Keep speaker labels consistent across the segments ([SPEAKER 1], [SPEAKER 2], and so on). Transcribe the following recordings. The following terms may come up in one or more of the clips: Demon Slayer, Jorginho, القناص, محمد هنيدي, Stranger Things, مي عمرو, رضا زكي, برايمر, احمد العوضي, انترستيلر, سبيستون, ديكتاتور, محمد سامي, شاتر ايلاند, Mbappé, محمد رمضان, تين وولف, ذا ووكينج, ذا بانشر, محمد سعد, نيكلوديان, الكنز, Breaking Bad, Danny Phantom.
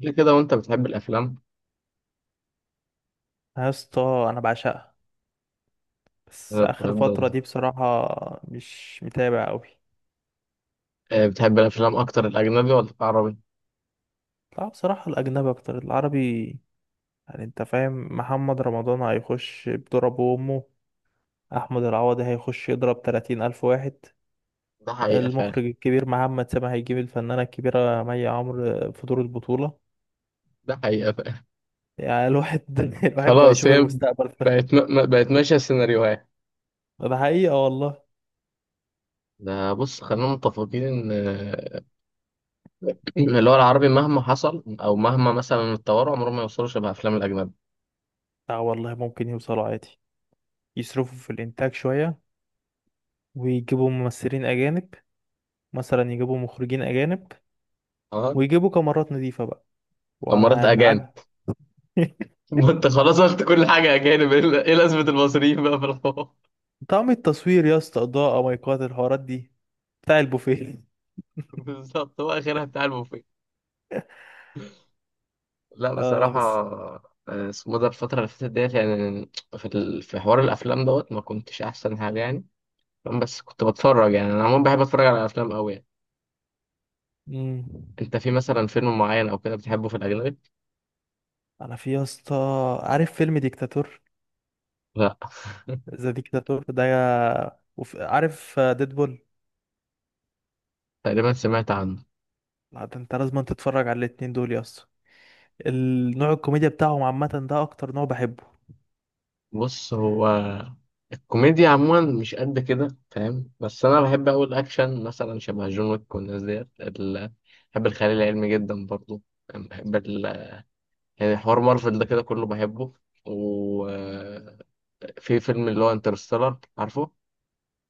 [SPEAKER 1] ليه كده وانت بتحب الافلام؟
[SPEAKER 2] يا اسطى انا بعشقها. بس
[SPEAKER 1] أنا
[SPEAKER 2] اخر فتره
[SPEAKER 1] بجد.
[SPEAKER 2] دي بصراحه مش متابع قوي.
[SPEAKER 1] بتحب الافلام اكتر الاجنبي ولا العربي؟
[SPEAKER 2] لا بصراحه الاجنبي اكتر العربي. يعني انت فاهم محمد رمضان هيخش بضرب امه. احمد العوضي هيخش يضرب 30 الف واحد.
[SPEAKER 1] ده حقيقة فعلا.
[SPEAKER 2] المخرج الكبير محمد سامي هيجيب الفنانه الكبيره مي عمرو في دور البطوله.
[SPEAKER 1] ده حقيقة فعلا.
[SPEAKER 2] يعني الواحد الواحد بقى
[SPEAKER 1] خلاص،
[SPEAKER 2] يشوف
[SPEAKER 1] هي
[SPEAKER 2] المستقبل ده.
[SPEAKER 1] بقت بقت ماشية السيناريوهات.
[SPEAKER 2] ده حقيقه والله.
[SPEAKER 1] ده بص، خلينا متفقين ان اللي هو العربي مهما حصل او مهما مثلا اتطوروا عمرهم ما يوصلوا شبه افلام الاجنبي.
[SPEAKER 2] لا والله ممكن يوصلوا عادي. يصرفوا في الانتاج شويه، ويجيبوا ممثلين اجانب، مثلا يجيبوا مخرجين أجانب،
[SPEAKER 1] اه،
[SPEAKER 2] ويجيبوا كاميرات نظيفة بقى
[SPEAKER 1] دمرت اجانب.
[SPEAKER 2] وهنعدي.
[SPEAKER 1] ما انت خلاص قلت كل حاجة اجانب، ايه إيه لازمة المصريين بقى في الحوار؟
[SPEAKER 2] طعم التصوير يا اسطى، إضاءة، مايكات، الحوارات دي بتاع البوفيه.
[SPEAKER 1] بالظبط، هو اخرها بتاع البوفيه. لا
[SPEAKER 2] اه
[SPEAKER 1] بصراحة،
[SPEAKER 2] بس.
[SPEAKER 1] اسمه ده الفترة اللي فاتت ديت يعني، في حوار الأفلام دوت ما كنتش أحسن حاجة يعني. فاهم؟ بس كنت بتفرج يعني، أنا عموما بحب أتفرج على أفلام أوي يعني.
[SPEAKER 2] مم.
[SPEAKER 1] أنت في مثلا فيلم معين أو كده بتحبه في الأجنبي؟
[SPEAKER 2] أنا في يا اسطى، عارف فيلم ديكتاتور؟
[SPEAKER 1] لا،
[SPEAKER 2] ذا ديكتاتور ده عارف ديدبول؟
[SPEAKER 1] تقريبا سمعت عنه.
[SPEAKER 2] لا ده انت لازم تتفرج على الاتنين دول يا اسطى. النوع الكوميديا بتاعهم عامة ده أكتر نوع بحبه.
[SPEAKER 1] بص هو، الكوميديا عموما مش قد كده، فاهم؟ بس أنا بحب أوي الأكشن، مثلا شبه جون ويك والناس ديت بحب الخيال العلمي جدا برضه. بحب يعني حوار مارفل ده كده كله بحبه. و في فيلم اللي هو انترستيلر، عارفه؟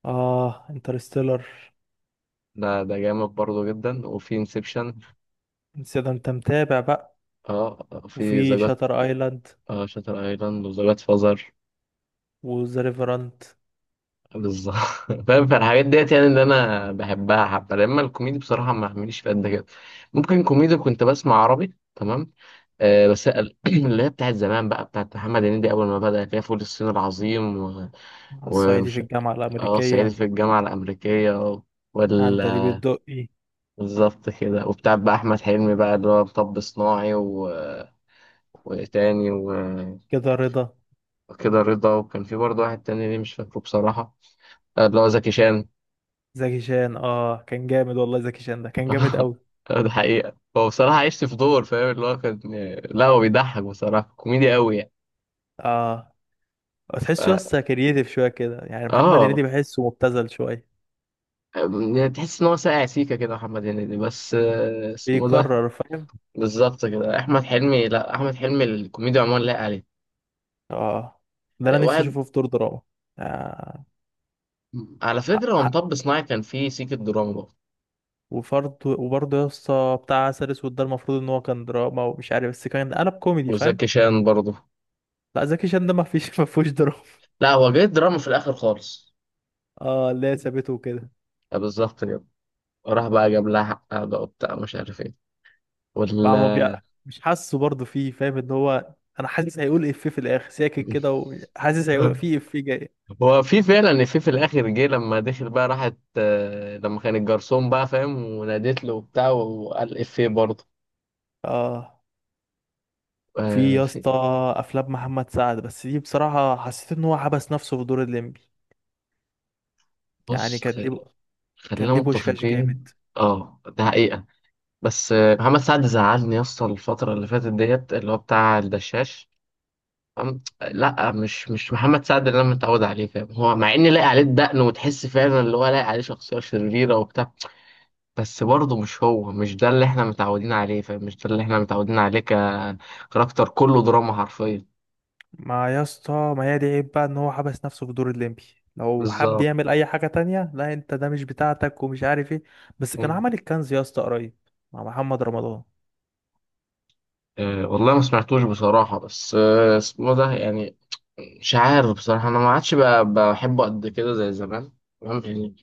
[SPEAKER 2] اه انترستيلر.
[SPEAKER 1] ده جامد برضه جدا، وفي انسبشن.
[SPEAKER 2] ده انت متابع بقى.
[SPEAKER 1] اه، في ذا
[SPEAKER 2] وفي
[SPEAKER 1] جاد.
[SPEAKER 2] شاتر ايلاند
[SPEAKER 1] اه، شاتر ايلاند وذا جاد فازر.
[SPEAKER 2] وذا ريفرنت.
[SPEAKER 1] بالظبط. فاهم، فالحاجات ديت يعني اللي انا بحبها. حبه لما الكوميدي بصراحه ما عمليش في قد كده. ممكن كوميدي كنت بسمع عربي، تمام. بس اللي هي بتاعت زمان بقى، بتاعت محمد هنيدي اول ما بدأ، اللي هي فول الصين العظيم و...
[SPEAKER 2] على الصعيدي في
[SPEAKER 1] ومش.
[SPEAKER 2] الجامعة
[SPEAKER 1] اه، صعيدي
[SPEAKER 2] الأمريكية.
[SPEAKER 1] في الجامعه الامريكيه.
[SPEAKER 2] عندليب الدقي.
[SPEAKER 1] بالظبط كده، وبتاع بقى احمد حلمي بقى، اللي هو مطب صناعي و... وتاني و...
[SPEAKER 2] كده رضا.
[SPEAKER 1] وكده رضا، وكان في برضه واحد تاني، ليه مش فاكره بصراحه. اللي هو زكي شان.
[SPEAKER 2] زكي شان اه كان جامد والله. زكي شان ده كان جامد قوي.
[SPEAKER 1] ده حقيقه، هو بصراحه عشت في دور، فاهم اللي هو كان. لا هو بيضحك بصراحه كوميدي قوي يعني.
[SPEAKER 2] اه
[SPEAKER 1] ف...
[SPEAKER 2] تحسه يسطا كرييتيف شوية كده. يعني محمد
[SPEAKER 1] اه.
[SPEAKER 2] هنيدي بحسه مبتذل شوية،
[SPEAKER 1] يعني تحس ان هو ساقع سيكه كده محمد هنيدي، بس اسمه ده.
[SPEAKER 2] بيكرر فاهم.
[SPEAKER 1] بالظبط كده، احمد حلمي. لا، احمد حلمي الكوميديا عموما لايق عليه.
[SPEAKER 2] اه ده انا نفسي
[SPEAKER 1] واحد.
[SPEAKER 2] اشوفه في دور دراما. آه.
[SPEAKER 1] على
[SPEAKER 2] حق
[SPEAKER 1] فكره هو
[SPEAKER 2] حق.
[SPEAKER 1] مطب صناعي كان فيه سيكه دراما برضه.
[SPEAKER 2] وفرض وبرضه يا اسطى بتاع عسل اسود ده المفروض ان هو كان دراما، ومش عارف بس كان قلب كوميدي
[SPEAKER 1] وزكي
[SPEAKER 2] فاهم.
[SPEAKER 1] شان برضه.
[SPEAKER 2] لا زكي شان ده ما فيش ما فيهوش دراما.
[SPEAKER 1] لا هو جه دراما في الاخر خالص.
[SPEAKER 2] اه اللي هي سابته وكده.
[SPEAKER 1] بالظبط كده. راح بقى جاب لها حقها بقى وبتاع مش عارف ايه.
[SPEAKER 2] بقى ما بي...
[SPEAKER 1] ولا.
[SPEAKER 2] مش حاسه برضه فيه فاهم ان هو انا حاسس هيقول افيه في الاخر ساكت كده، وحاسس هيقول فيه افيه جاي.
[SPEAKER 1] هو في فعلا، في الاخر جه لما دخل بقى، راحت، لما كان الجرسون بقى فاهم ونادت له وبتاع، وقال افيه برضه.
[SPEAKER 2] اه. وفي يا
[SPEAKER 1] في
[SPEAKER 2] اسطى
[SPEAKER 1] إيه؟
[SPEAKER 2] افلام محمد سعد، بس دي بصراحه حسيت ان هو حبس نفسه في دور الليمبي. يعني
[SPEAKER 1] بص
[SPEAKER 2] كان ليه،
[SPEAKER 1] خلينا
[SPEAKER 2] كان ليه بوشكاش
[SPEAKER 1] متفقين.
[SPEAKER 2] جامد.
[SPEAKER 1] اه ده حقيقة. بس محمد سعد زعلني يا اسطى الفترة اللي فاتت ديت، اللي هو بتاع الدشاش. لا، مش محمد سعد اللي انا متعود عليه، فاهم؟ هو مع ان لاقي عليه الدقن وتحس فعلا اللي هو لاقي عليه شخصيه شريره وبتاع، بس برضه مش هو، مش ده اللي احنا متعودين عليه، فاهم؟ مش ده اللي احنا متعودين عليه ككاركتر، كله دراما حرفيا.
[SPEAKER 2] ما يا اسطى ما هي دي عيب بقى ان هو حبس نفسه في دور الليمبي. لو حب
[SPEAKER 1] بالظبط.
[SPEAKER 2] يعمل اي حاجه تانية، لا انت ده مش بتاعتك ومش عارف ايه. بس كان
[SPEAKER 1] مم.
[SPEAKER 2] عمل الكنز يا اسطى قريب، مع محمد رمضان.
[SPEAKER 1] أه والله ما سمعتوش بصراحه، بس اسمه ده يعني، مش عارف بصراحه، انا ما عادش بحبه قد كده زي زمان. تمام يعني.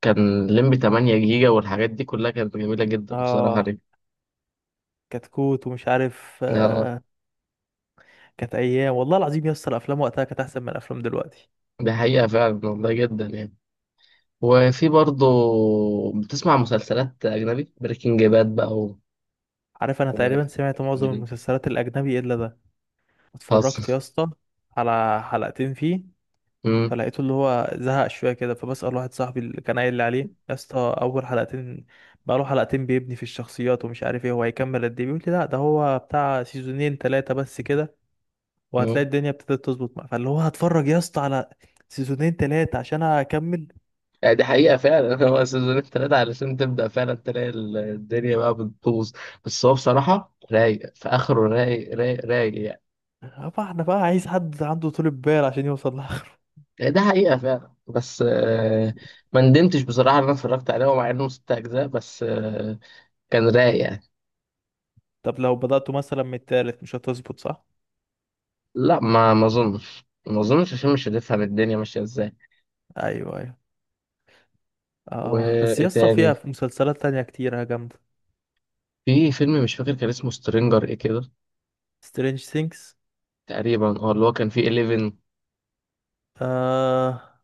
[SPEAKER 1] كان لمبي 8 جيجا والحاجات دي كلها كانت جميله جدا بصراحه.
[SPEAKER 2] اه كتكوت ومش عارف
[SPEAKER 1] ليه؟
[SPEAKER 2] كانت ايام والله العظيم يا اسطى. الافلام وقتها كانت احسن من الافلام دلوقتي.
[SPEAKER 1] دي حقيقة فعلا والله، جدا يعني. وفي برضه، بتسمع مسلسلات أجنبي؟ بريكنج باد بقى و...
[SPEAKER 2] عارف انا
[SPEAKER 1] و...
[SPEAKER 2] تقريبا سمعت معظم المسلسلات الاجنبي الا ده. اتفرجت يا
[SPEAKER 1] خاصة.
[SPEAKER 2] اسطى على حلقتين فيه.
[SPEAKER 1] مم.
[SPEAKER 2] فلقيته اللي هو زهق شويه كده. فبسأل واحد صاحبي اللي كان قايل لي عليه يا اسطى اول حلقتين. بقى له حلقتين بيبني في الشخصيات، ومش عارف ايه هو هيكمل قد ايه. بيقول لي لا ده هو بتاع سيزونين ثلاثه بس كده. وهتلاقي
[SPEAKER 1] مم.
[SPEAKER 2] الدنيا ابتدت تظبط معاه، فاللي هو هتفرج يا اسطى على سيزونين ثلاثه عشان اكمل.
[SPEAKER 1] يعني دي حقيقة فعلا. هو سيزون التلاتة علشان تبدأ فعلا تلاقي الدنيا بقى بتبوظ. بس هو بصراحة رايق، في آخره رايق رايق رايق يعني.
[SPEAKER 2] طبعا انا بقى عايز حد عنده طول بال عشان يوصل.
[SPEAKER 1] يعني ده حقيقة فعلا، بس ما ندمتش بصراحة إن أنا اتفرجت عليه، ومع إنه ست أجزاء، بس كان رايق يعني.
[SPEAKER 2] طب لو بدأتوا مثلا من التالت مش هتظبط صح؟
[SPEAKER 1] لا، ما أظنش عشان مش هتفهم الدنيا ماشية إزاي.
[SPEAKER 2] ايوه ايوه. اه بس
[SPEAKER 1] وايه
[SPEAKER 2] يا اسطى
[SPEAKER 1] تاني؟
[SPEAKER 2] فيها في مسلسلات تانية كتيرة جامدة.
[SPEAKER 1] في فيلم مش فاكر كان اسمه سترينجر ايه كده.
[SPEAKER 2] سترينج ثينكس.
[SPEAKER 1] تقريبا، اه، اللي هو كان فيه 11.
[SPEAKER 2] آه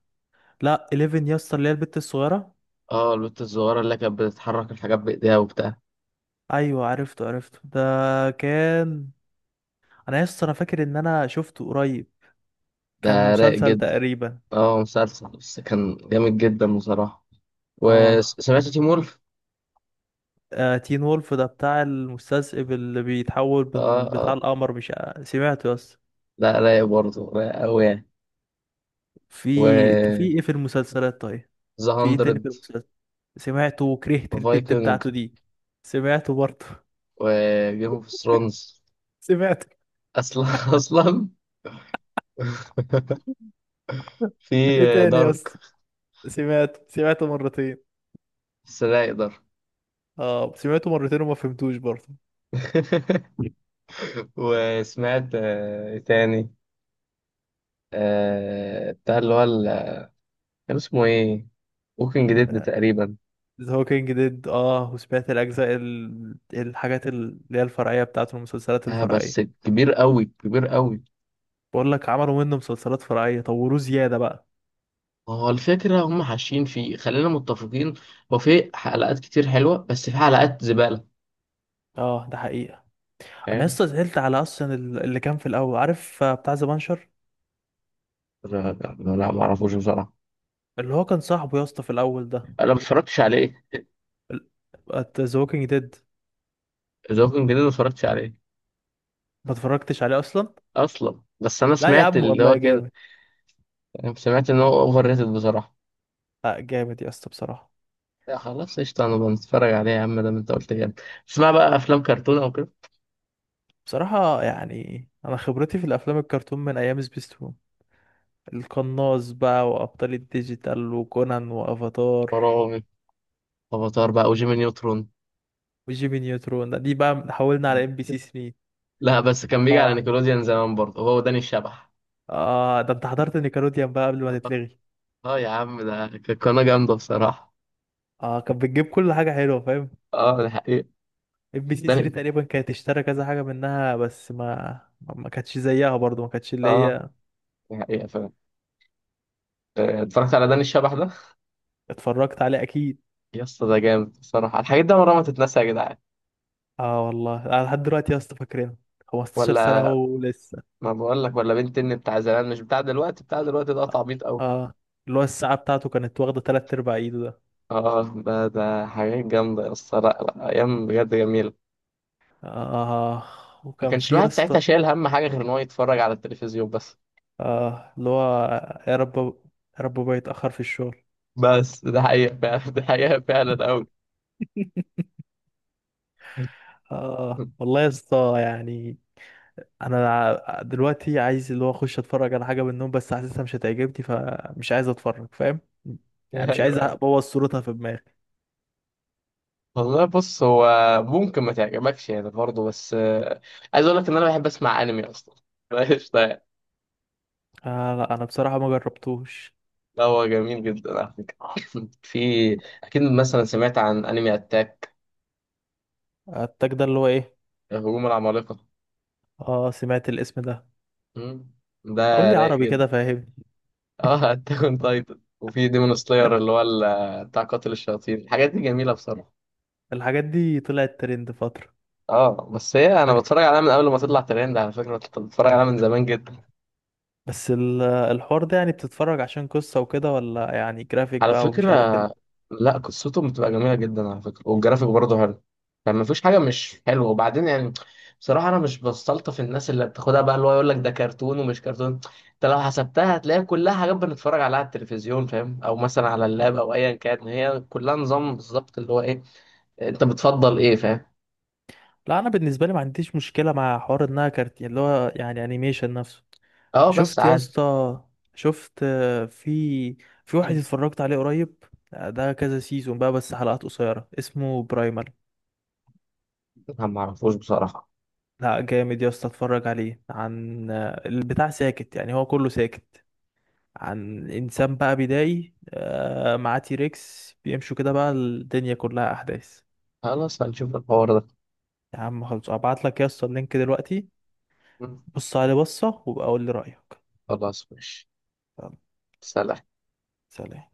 [SPEAKER 2] لا 11 يا اسطى اللي هي البت الصغيرة.
[SPEAKER 1] اه، البت الصغيرة اللي كانت بتتحرك الحاجات بايديها وبتاع.
[SPEAKER 2] ايوه عرفته عرفته ده كان. انا يا اسطى انا فاكر ان انا شفته قريب. كان
[SPEAKER 1] ده رايق
[SPEAKER 2] مسلسل
[SPEAKER 1] جدا.
[SPEAKER 2] تقريبا.
[SPEAKER 1] اه مسلسل، بس كان جامد جدا بصراحة.
[SPEAKER 2] اه،
[SPEAKER 1] وسمعت تيم وولف.
[SPEAKER 2] آه تين وولف ده بتاع المستذئب اللي بيتحول
[SPEAKER 1] اه.
[SPEAKER 2] من بتاع
[SPEAKER 1] اه.
[SPEAKER 2] القمر مش؟ سمعته يا اسطى.
[SPEAKER 1] لا رايق برضه، رايق أوي يعني.
[SPEAKER 2] في انت في
[SPEAKER 1] و
[SPEAKER 2] ايه في المسلسلات طيب؟
[SPEAKER 1] ذا
[SPEAKER 2] في ايه تاني في
[SPEAKER 1] هاندرد.
[SPEAKER 2] المسلسل؟ سمعته وكرهت البت
[SPEAKER 1] فايكنج.
[SPEAKER 2] بتاعته دي. سمعته برضه.
[SPEAKER 1] وجيم اوف ثرونز.
[SPEAKER 2] سمعته.
[SPEAKER 1] اصلا. اصلا. في
[SPEAKER 2] ايه تاني يا
[SPEAKER 1] دارك.
[SPEAKER 2] اسطى؟ سمعته سمعته مرتين.
[SPEAKER 1] بس رايق دارك.
[SPEAKER 2] اه سمعته مرتين وما فهمتوش برضه.
[SPEAKER 1] وسمعت، إيه تاني؟ بتاع اللي هو كان اسمه ايه، ووكينج ديد تقريبا.
[SPEAKER 2] ذا هوكينج ديد. اه وسمعت الاجزاء الحاجات اللي هي الفرعيه بتاعته، المسلسلات
[SPEAKER 1] آه بس
[SPEAKER 2] الفرعيه.
[SPEAKER 1] كبير قوي كبير قوي.
[SPEAKER 2] بقول لك عملوا منه مسلسلات فرعيه طوروه زياده بقى.
[SPEAKER 1] هو الفكرة هم حاشين فيه، خلينا متفقين. هو في حلقات كتير حلوة بس في حلقات زبالة.
[SPEAKER 2] اه ده حقيقة. انا
[SPEAKER 1] فاهم.
[SPEAKER 2] لسه زعلت على اصلا اللي كان في الاول عارف بتاع ذا بانشر.
[SPEAKER 1] لا لا لا، ما اعرفوش بصراحة.
[SPEAKER 2] اللي هو كان صاحبه يا اسطى في الاول ده.
[SPEAKER 1] انا ما اتفرجتش عليه.
[SPEAKER 2] ذا ووكينج
[SPEAKER 1] ذا ووكينج ديد ما اتفرجتش عليه
[SPEAKER 2] ما اتفرجتش عليه اصلا.
[SPEAKER 1] اصلا. بس انا
[SPEAKER 2] لا يا
[SPEAKER 1] سمعت
[SPEAKER 2] عم
[SPEAKER 1] اللي
[SPEAKER 2] والله
[SPEAKER 1] هو كده،
[SPEAKER 2] جامد.
[SPEAKER 1] يعني سمعت ان هو اوفر ريتد بصراحة.
[SPEAKER 2] لا جامد يا اسطى بصراحه.
[SPEAKER 1] لا خلاص، قشطة، انا بنتفرج عليه يا عم، ده انت قلت كده. تسمع بقى افلام كرتون او كده؟
[SPEAKER 2] بصراحه يعني انا خبرتي في الافلام الكرتون من ايام سبيستون. القناص بقى، وابطال الديجيتال، وكونان، وافاتار،
[SPEAKER 1] فراعنة. افاتار بقى وجيمي نيوترون.
[SPEAKER 2] وجيمي نيوترون. دي بقى حولنا على ام بي سي 3.
[SPEAKER 1] لا بس كان بيجي على
[SPEAKER 2] اه.
[SPEAKER 1] نيكلوديان زمان برضه، هو وداني الشبح.
[SPEAKER 2] اه ده انت حضرت نيكلوديان بقى قبل ما
[SPEAKER 1] اه.
[SPEAKER 2] تتلغي.
[SPEAKER 1] آه يا عم، ده كانت قناة جامدة بصراحة.
[SPEAKER 2] اه كان بتجيب كل حاجه حلوه فاهم.
[SPEAKER 1] اه ده حقيقة.
[SPEAKER 2] ام بي سي 3
[SPEAKER 1] داني.
[SPEAKER 2] تقريبا كانت اشترى كذا حاجه منها بس ما كانتش زيها برضو. ما كانتش اللي
[SPEAKER 1] اه
[SPEAKER 2] هي.
[SPEAKER 1] ده حقيقة فعلا. اتفرجت على داني الشبح ده،
[SPEAKER 2] اتفرجت عليه اكيد.
[SPEAKER 1] يا اسطى ده جامد بصراحة، الحاجات دي عمرها ما تتنسى يا جدعان.
[SPEAKER 2] اه والله انا لحد دلوقتي يا اسطى فاكرينه. 15 سنة
[SPEAKER 1] ولا،
[SPEAKER 2] هو لسه.
[SPEAKER 1] ما بقول لك، ولا بنت الني بتاع زمان مش بتاع دلوقتي، بتاع دلوقتي ده
[SPEAKER 2] اه
[SPEAKER 1] تعبيط قوي.
[SPEAKER 2] آه، اللي هو الساعة بتاعته كانت واخدة تلات أرباع ايده ده.
[SPEAKER 1] اه، ده حاجات جامدة يا اسطى، لا لا، ايام بجد جميلة.
[SPEAKER 2] اه.
[SPEAKER 1] ما
[SPEAKER 2] وكان
[SPEAKER 1] كانش
[SPEAKER 2] في يا
[SPEAKER 1] الواحد
[SPEAKER 2] اسطى
[SPEAKER 1] ساعتها شايل هم حاجة غير ان هو يتفرج على التلفزيون بس.
[SPEAKER 2] اه اللي هو يا رب، يا رب ما يتأخر في الشغل.
[SPEAKER 1] بس ده حقيقة فعلا، ده حقيقة فعلا قوي.
[SPEAKER 2] اه والله يا اسطى يعني. انا دلوقتي عايز اللي هو اخش اتفرج على حاجة منهم، بس حاسسها مش هتعجبني فمش عايز اتفرج فاهم. يعني
[SPEAKER 1] ايوه
[SPEAKER 2] مش عايز
[SPEAKER 1] ايوه،
[SPEAKER 2] ابوظ صورتها في دماغي.
[SPEAKER 1] والله. بص هو ممكن ما تعجبكش يعني برضه، بس عايز اقول لك ان انا بحب اسمع انمي اصلا. قشطة يعني.
[SPEAKER 2] آه لا انا بصراحة ما جربتوش.
[SPEAKER 1] لا هو جميل جدا على فكره. في، اكيد مثلا سمعت عن انمي اتاك،
[SPEAKER 2] التاج ده اللي هو ايه؟
[SPEAKER 1] هجوم العمالقه.
[SPEAKER 2] اه سمعت الاسم ده.
[SPEAKER 1] مم. ده
[SPEAKER 2] قول لي
[SPEAKER 1] رايق
[SPEAKER 2] عربي
[SPEAKER 1] جدا.
[SPEAKER 2] كده فاهمني.
[SPEAKER 1] اه، اتاك اون تايتن، وفي ديمون سلاير اللي هو بتاع قاتل الشياطين، الحاجات دي جميله بصراحه.
[SPEAKER 2] الحاجات دي طلعت ترند فترة.
[SPEAKER 1] اه بس هي انا
[SPEAKER 2] فاكر؟
[SPEAKER 1] بتفرج عليها من قبل ما تطلع ترند، على فكره كنت بتفرج عليها من زمان جدا.
[SPEAKER 2] بس الحوار ده يعني بتتفرج عشان قصة وكده؟ ولا يعني جرافيك
[SPEAKER 1] على
[SPEAKER 2] بقى
[SPEAKER 1] فكرة،
[SPEAKER 2] ومش عارف
[SPEAKER 1] لا قصتهم بتبقى جميلة جدا على فكرة، والجرافيك برضه حلو، يعني مفيش حاجة مش حلوة. وبعدين يعني، بصراحة أنا مش بستلطف الناس اللي بتاخدها بقى اللي هو يقول لك ده كرتون ومش كرتون. أنت لو حسبتها هتلاقي كلها حاجات بنتفرج عليها على التلفزيون، فاهم؟ أو مثلا على
[SPEAKER 2] آه.
[SPEAKER 1] اللاب، أو أيا كان، هي كلها نظام بالظبط اللي هو إيه، أنت بتفضل إيه، فاهم؟
[SPEAKER 2] لا انا بالنسبة لي ما عنديش مشكلة مع حوار انها كارتين اللي هو يعني انيميشن نفسه.
[SPEAKER 1] أه بس
[SPEAKER 2] شفت يا
[SPEAKER 1] عادي.
[SPEAKER 2] اسطى؟ شفت في في واحد اتفرجت عليه قريب ده كذا سيزون بقى بس حلقات قصيرة اسمه برايمر.
[SPEAKER 1] أنا معرفوش بصراحة.
[SPEAKER 2] لا جامد يا اسطى. اتفرج عليه عن البتاع ساكت يعني. هو كله ساكت. عن انسان بقى بدائي معاه تيركس بيمشوا كده بقى الدنيا كلها احداث.
[SPEAKER 1] خلاص، هنشوف الحوار ده.
[SPEAKER 2] يا عم خلاص ابعت لك يا اسطى اللينك دلوقتي. بص عليه بصه وبقى قول لي رايك.
[SPEAKER 1] خلاص ماشي.
[SPEAKER 2] يلا.
[SPEAKER 1] سلام.
[SPEAKER 2] سلام.